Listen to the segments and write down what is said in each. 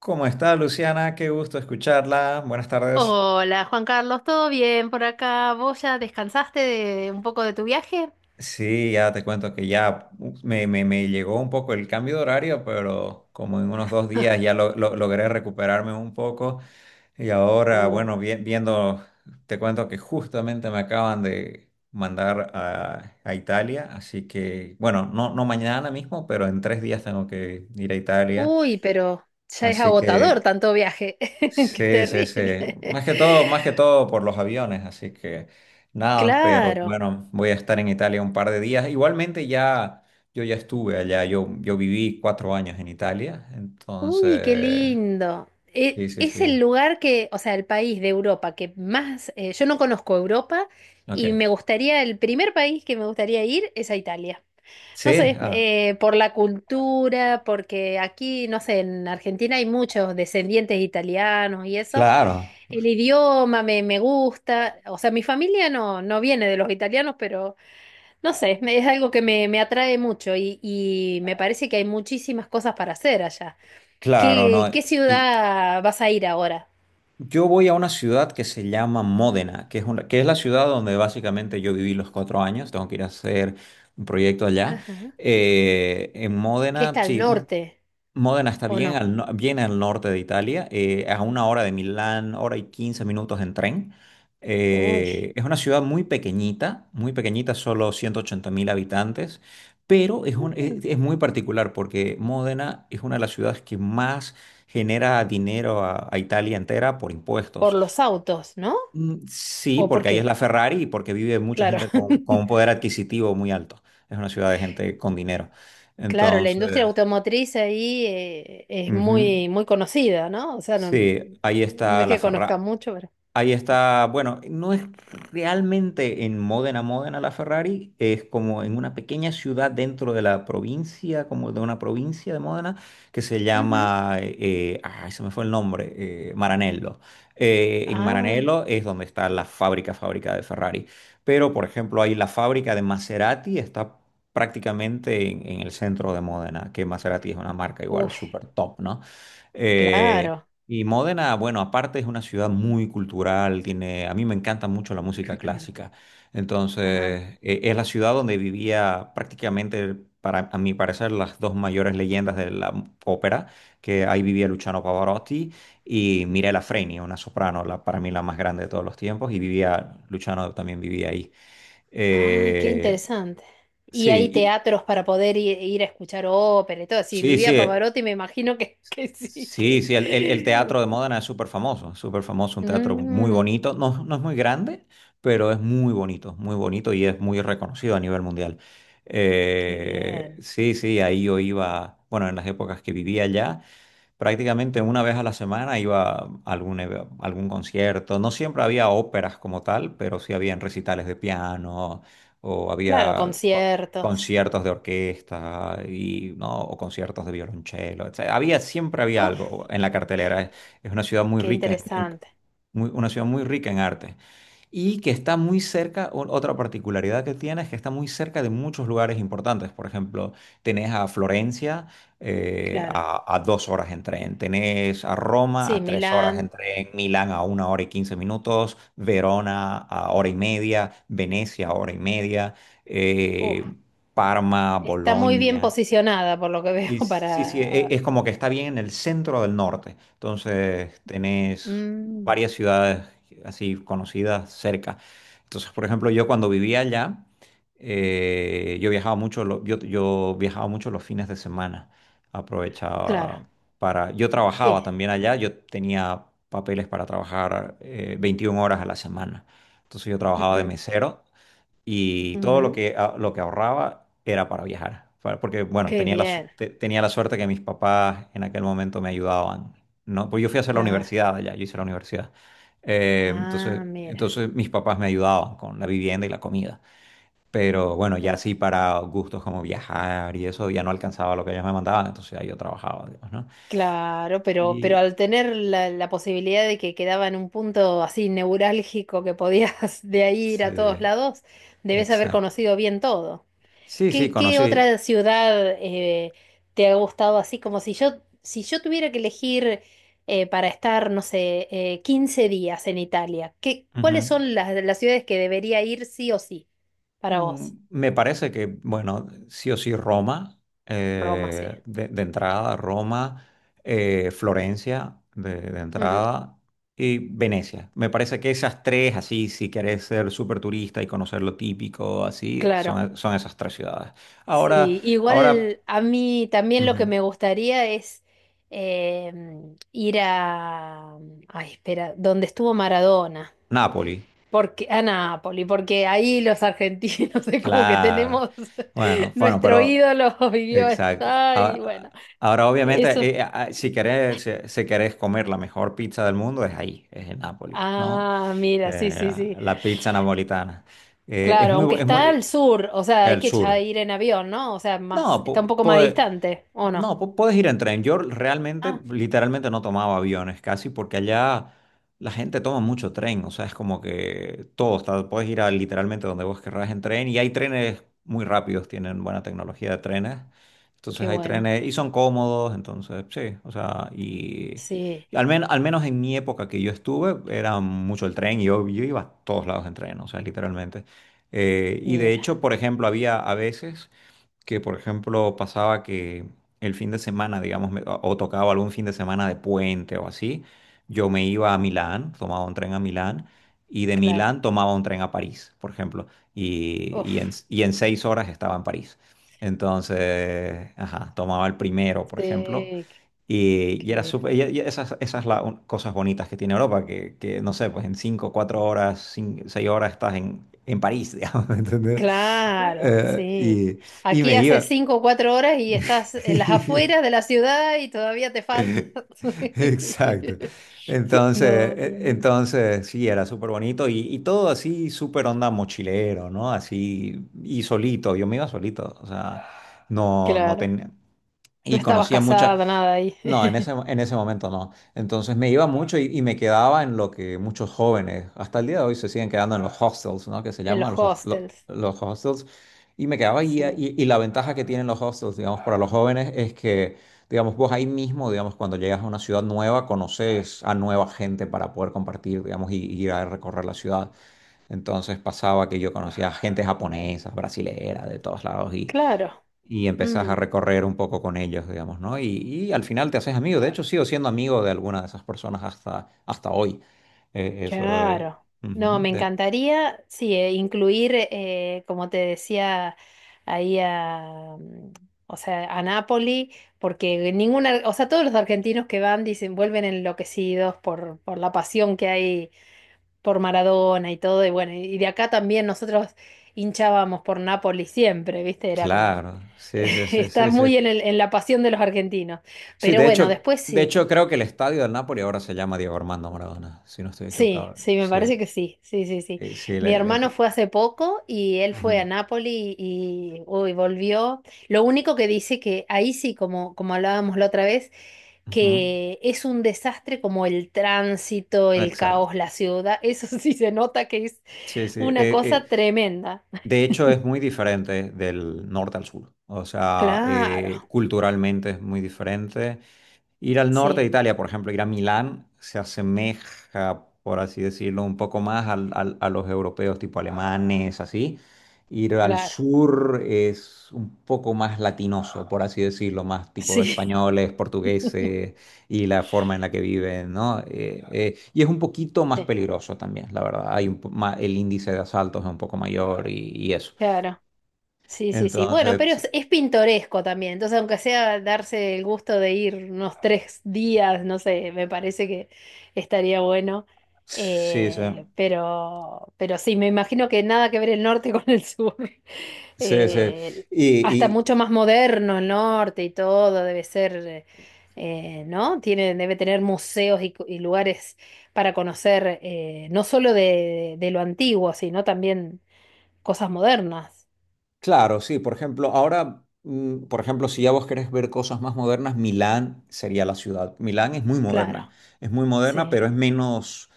¿Cómo está Luciana? Qué gusto escucharla. Buenas tardes. Hola Juan Carlos, ¿todo bien por acá? ¿Vos ya descansaste de un poco de tu viaje? Sí, ya te cuento que ya me llegó un poco el cambio de horario, pero como en unos 2 días ya logré recuperarme un poco. Y ahora, Uh, bueno, viendo, te cuento que justamente me acaban de mandar a Italia, así que, bueno, no, no mañana mismo, pero en 3 días tengo que ir a Italia. Uy, pero ya es Así que agotador tanto viaje. Qué Sí, sí, sí. terrible. Más que todo, por los aviones, así que nada, pero Claro. bueno, voy a estar en Italia un par de días. Igualmente ya, yo ya estuve allá, yo viví 4 años en Italia, Uy, qué entonces, lindo. E- sí, sí, es sí. el lugar que, o sea, el país de Europa que más yo no conozco Europa y me Ok. gustaría, el primer país que me gustaría ir es a Italia. No Sí, sé, ah, por la cultura, porque aquí, no sé, en Argentina hay muchos descendientes italianos y eso. claro, El idioma me gusta. O sea, mi familia no viene de los italianos, pero no sé, es algo que me atrae mucho y me parece que hay muchísimas cosas para hacer allá. claro, ¿qué no. Y ciudad vas a ir ahora? yo voy a una ciudad que se llama Módena, que es la ciudad donde básicamente yo viví los 4 años, tengo que ir a hacer un proyecto allá. Ajá. En ¿Qué Módena, está al sí. norte Módena está o bien no? al, no- bien al norte de Italia, a una hora de Milán, hora y 15 minutos en tren. Uy. Es una ciudad muy pequeñita, solo 180.000 habitantes, pero es, es muy particular porque Módena es una de las ciudades que más genera dinero a Italia entera por Por impuestos. los autos, ¿no? Mm, sí, ¿O por porque ahí es qué? la Ferrari y porque vive mucha Claro. gente con un poder adquisitivo muy alto. Es una ciudad de gente con dinero. Claro, la Entonces. industria automotriz ahí es Ujú. muy, muy conocida, ¿no? O sea, no, Sí, ahí no está es la que Ferrari. conozca mucho, pero. Ahí está, bueno, no es realmente en Módena, la Ferrari, es como en una pequeña ciudad dentro de la provincia, como de una provincia de Módena, que se Ujú. llama, se me fue el nombre, Maranello. En Ah, Maranello es donde está fábrica de Ferrari. Pero, por ejemplo, ahí la fábrica de Maserati está prácticamente en el centro de Módena, que Maserati es una marca igual uff, súper top, ¿no? Eh, claro. y Módena, bueno, aparte es una ciudad muy cultural, tiene, a mí me encanta mucho la música clásica. Ah, Entonces, es la ciudad donde vivía prácticamente, para, a mi parecer, las dos mayores leyendas de la ópera, que ahí vivía Luciano Pavarotti y Mirella Freni, una soprano, para mí la más grande de todos los tiempos, y Luciano también vivía ahí. ay, qué Eh, interesante. Y sí, hay teatros para poder ir, ir a escuchar ópera y todo. Si sí, vivía sí. Pavarotti, me imagino que, que sí, Sí, que. sí, el teatro de Módena es súper famoso, un teatro muy Mm, bonito, no, no es muy grande, pero es muy bonito y es muy reconocido a nivel mundial. qué Eh, bien. sí, sí, ahí yo iba, bueno, en las épocas que vivía allá. Prácticamente una vez a la semana iba a algún concierto. No siempre había óperas como tal, pero sí habían recitales de piano o Claro, había conciertos. conciertos de orquesta y, ¿no? o conciertos de violonchelo, etcétera. Siempre había Uf, algo en la cartelera. Es, es una ciudad muy qué rica en, en- interesante. Una ciudad muy rica en arte y que está muy cerca, otra particularidad que tiene es que está muy cerca de muchos lugares importantes. Por ejemplo, tenés a Florencia, Claro. A 2 horas en tren, tenés a Roma Sí, a 3 horas en Milán. tren, Milán a una hora y 15 minutos, Verona a hora y media, Venecia a hora y media, Uf. eh, Parma, Está muy bien Boloña. posicionada, por lo que veo, Sí, sí, sí, para... es como que está bien en el centro del norte. Entonces tenés Mm, varias ciudades así conocidas cerca. Entonces, por ejemplo, yo cuando vivía allá, yo viajaba mucho, yo viajaba mucho los fines de semana. claro, Aprovechaba. Yo trabajaba sí. también allá, yo tenía papeles para trabajar 21 horas a la semana. Entonces yo trabajaba de Ujú, mesero y todo lo ujú. que, lo que ahorraba era para viajar, porque bueno, Qué tenía bien, tenía la suerte que mis papás en aquel momento me ayudaban, ¿no? Pues yo fui a hacer la claro. universidad allá, yo hice la universidad. Eh, entonces, Ah, mira. entonces mis papás me ayudaban con la vivienda y la comida, pero bueno, ya Uf. sí para gustos como viajar y eso ya no alcanzaba lo que ellos me mandaban, entonces ahí yo trabajaba, digamos, ¿no? Claro, pero Y al tener la, la posibilidad de que quedaba en un punto así neurálgico que podías de ahí ir a todos sí, lados, debes haber exacto. conocido bien todo. Sí, sí, ¿qué conocí. otra ciudad te ha gustado así? Como si yo, si yo tuviera que elegir para estar, no sé, 15 días en Italia, ¿cuáles Ujú. son las ciudades que debería ir sí o sí para Mm, vos? Me parece que, bueno, sí o sí Roma, Roma, sí. De entrada Roma, Florencia de Ujú, entrada y Venecia. Me parece que esas tres, así, si querés ser súper turista y conocer lo típico, así, claro. son esas tres ciudades. Ahora, Sí, ahora, igual a mí también lo que ujú, me gustaría es ir a... Ay, espera, donde estuvo Maradona. Nápoli, Porque, a Nápoli, porque ahí los argentinos es como que claro. tenemos Bueno, bueno. nuestro ídolo vivió Exacto. allá y bueno, Ahora, obviamente, eso. Si querés, si querés comer la mejor pizza del mundo, es en Nápoles, ¿no? Ah, mira, sí, Eh, sí, sí. la pizza napolitana. Eh, es Claro, muy, aunque bu- es está al muy, sur, o sea, hay el que ya sur. ir en avión, ¿no? O sea, más, No, está un poco más distante, ¿o no? no, puedes ir en tren. Yo realmente, Ah, literalmente no tomaba aviones casi porque allá la gente toma mucho tren. O sea, es como que todo está, puedes ir a literalmente donde vos querrás en tren y hay trenes muy rápidos, tienen buena tecnología de trenes. Entonces qué hay bueno. trenes y son cómodos, entonces sí, o sea, Sí, al menos en mi época que yo estuve era mucho el tren y yo iba a todos lados en tren, o sea, literalmente. Y de mira, hecho, por ejemplo, había a veces que, por ejemplo, pasaba que el fin de semana, digamos, o tocaba algún fin de semana de puente o así, yo me iba a Milán, tomaba un tren a Milán y de claro. Milán tomaba un tren a París, por ejemplo, Uf, y en 6 horas estaba en París. Entonces, ajá, tomaba el primero, por ejemplo. sí, Y, qué y era bien. súper, y cosas bonitas que tiene Europa, que, no sé, pues en cinco, cuatro horas, 6 horas estás en París, digamos, ¿me ¿entendés? Claro, Eh, sí. y Aquí me hace iba. cinco o cuatro horas y estás en las afueras de la ciudad y todavía te falta. Exacto. Entonces, No, tremendo. entonces sí, era súper bonito y todo así, súper onda mochilero, ¿no? Así, y solito, yo me iba solito, o sea, no, no Claro. tenía, No y estabas conocía muchas, casada, nada ahí. no, en ese momento no. Entonces me iba mucho y me quedaba en lo que muchos jóvenes, hasta el día de hoy, se siguen quedando en los hostels, ¿no? Que se En los llaman hostels. los hostels. Y me quedaba ahí Sí. y la ventaja que tienen los hostels, digamos, para los jóvenes es que, digamos, vos ahí mismo, digamos, cuando llegas a una ciudad nueva, conoces a nueva gente para poder compartir, digamos, y ir a recorrer la ciudad. Entonces pasaba que yo conocía gente japonesa, brasilera, de todos lados Claro. y empezás a Mm. recorrer un poco con ellos, digamos, ¿no? Y al final te haces amigo. De hecho, sigo siendo amigo de alguna de esas personas hasta hoy. Eso, Claro. No, ujú, me encantaría, sí, incluir, como te decía, ahí a, mm, o sea, a Nápoli, porque ninguna, o sea, todos los argentinos que van dicen, vuelven enloquecidos por la pasión que hay por Maradona y todo, y bueno, y de acá también nosotros hinchábamos por Nápoli siempre, ¿viste? Era como, claro, sí, sí, sí, está sí, muy sí. en en la pasión de los argentinos. Sí, Pero de bueno, hecho, después sí. Creo que el estadio del Napoli ahora se llama Diego Armando Maradona, si no estoy Sí, equivocado. sí, me Sí, parece que sí, sí, sí, sí. Sí, Mi hermano fue hace poco y él fue a ujú, Nápoli y uy, volvió. Lo único que dice que ahí sí, como, como hablábamos la otra vez, ujú. que es un desastre como el tránsito, el Exacto. caos, la ciudad. Eso sí se nota que es Sí, sí. Una cosa tremenda. De hecho, es muy diferente del norte al sur. O sea, Claro, culturalmente es muy diferente. Ir al norte de sí, Italia, por ejemplo, ir a Milán, se asemeja, por así decirlo, un poco más a los europeos, tipo alemanes, así. Ir al claro, sur es un poco más latinoso, por así decirlo, más tipo sí, españoles, portugueses y la forma en la que viven, ¿no? Y es un poquito más sí, peligroso también, la verdad. Hay un po- ma- el índice de asaltos es un poco mayor y eso. claro. Sí, sí, sí. Bueno, pero Entonces, es pintoresco también. Entonces, aunque sea darse el gusto de ir unos tres días, no sé, me parece que estaría bueno. sí, sí, Pero sí, me imagino que nada que ver el norte con el sur. sí, sí. Eh, Hasta y, mucho más moderno el norte y todo, debe ser, ¿no? Tiene, debe tener museos y, y lugares para conocer, no solo de lo antiguo, sino también cosas modernas. Claro, sí, por ejemplo, ahora, por ejemplo, si ya vos querés ver cosas más modernas, Milán sería la ciudad. Milán Claro. Es muy moderna, Sí, pero es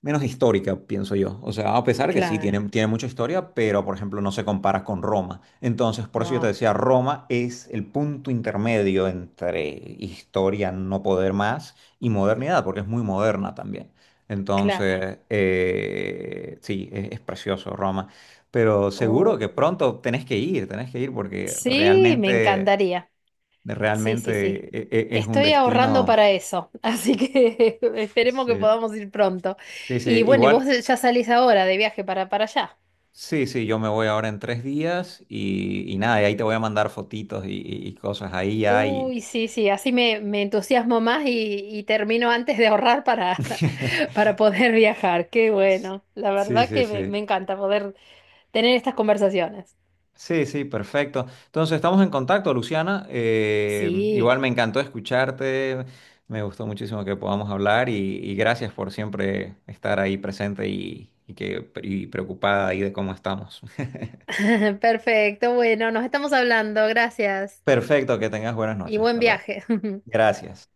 menos histórica, pienso yo. O sea, a pesar que sí, claro, tiene mucha historia, pero por ejemplo no se compara con Roma. Entonces, por eso yo te no, decía, Roma es el punto intermedio entre historia no poder más y modernidad, porque es muy moderna también. claro. Entonces, sí, es precioso Roma. Pero seguro que Oh, pronto tenés que ir porque sí, me realmente, encantaría. Sí, realmente sí, sí. Es un Estoy ahorrando destino. para eso, así que esperemos que podamos ir pronto. Sí, sí, sí, Y bueno, y vos igual. ya salís ahora de viaje para allá. Sí, sí, yo me voy ahora en 3 días y nada, y ahí te voy a mandar fotitos y cosas ahí ya. Uy, sí, sí, así me, me entusiasmo más y termino antes de ahorrar para, para poder viajar. Qué bueno, la Sí, verdad sí, que me sí. encanta poder tener estas conversaciones. Sí, sí, perfecto. Entonces, estamos en contacto, Luciana. Eh, Sí. igual me encantó escucharte, me gustó muchísimo que podamos hablar y gracias por siempre estar ahí presente y preocupada ahí de cómo estamos. Perfecto, bueno, nos estamos hablando, gracias Perfecto, que tengas buenas y noches. buen Hasta luego. viaje. Gracias.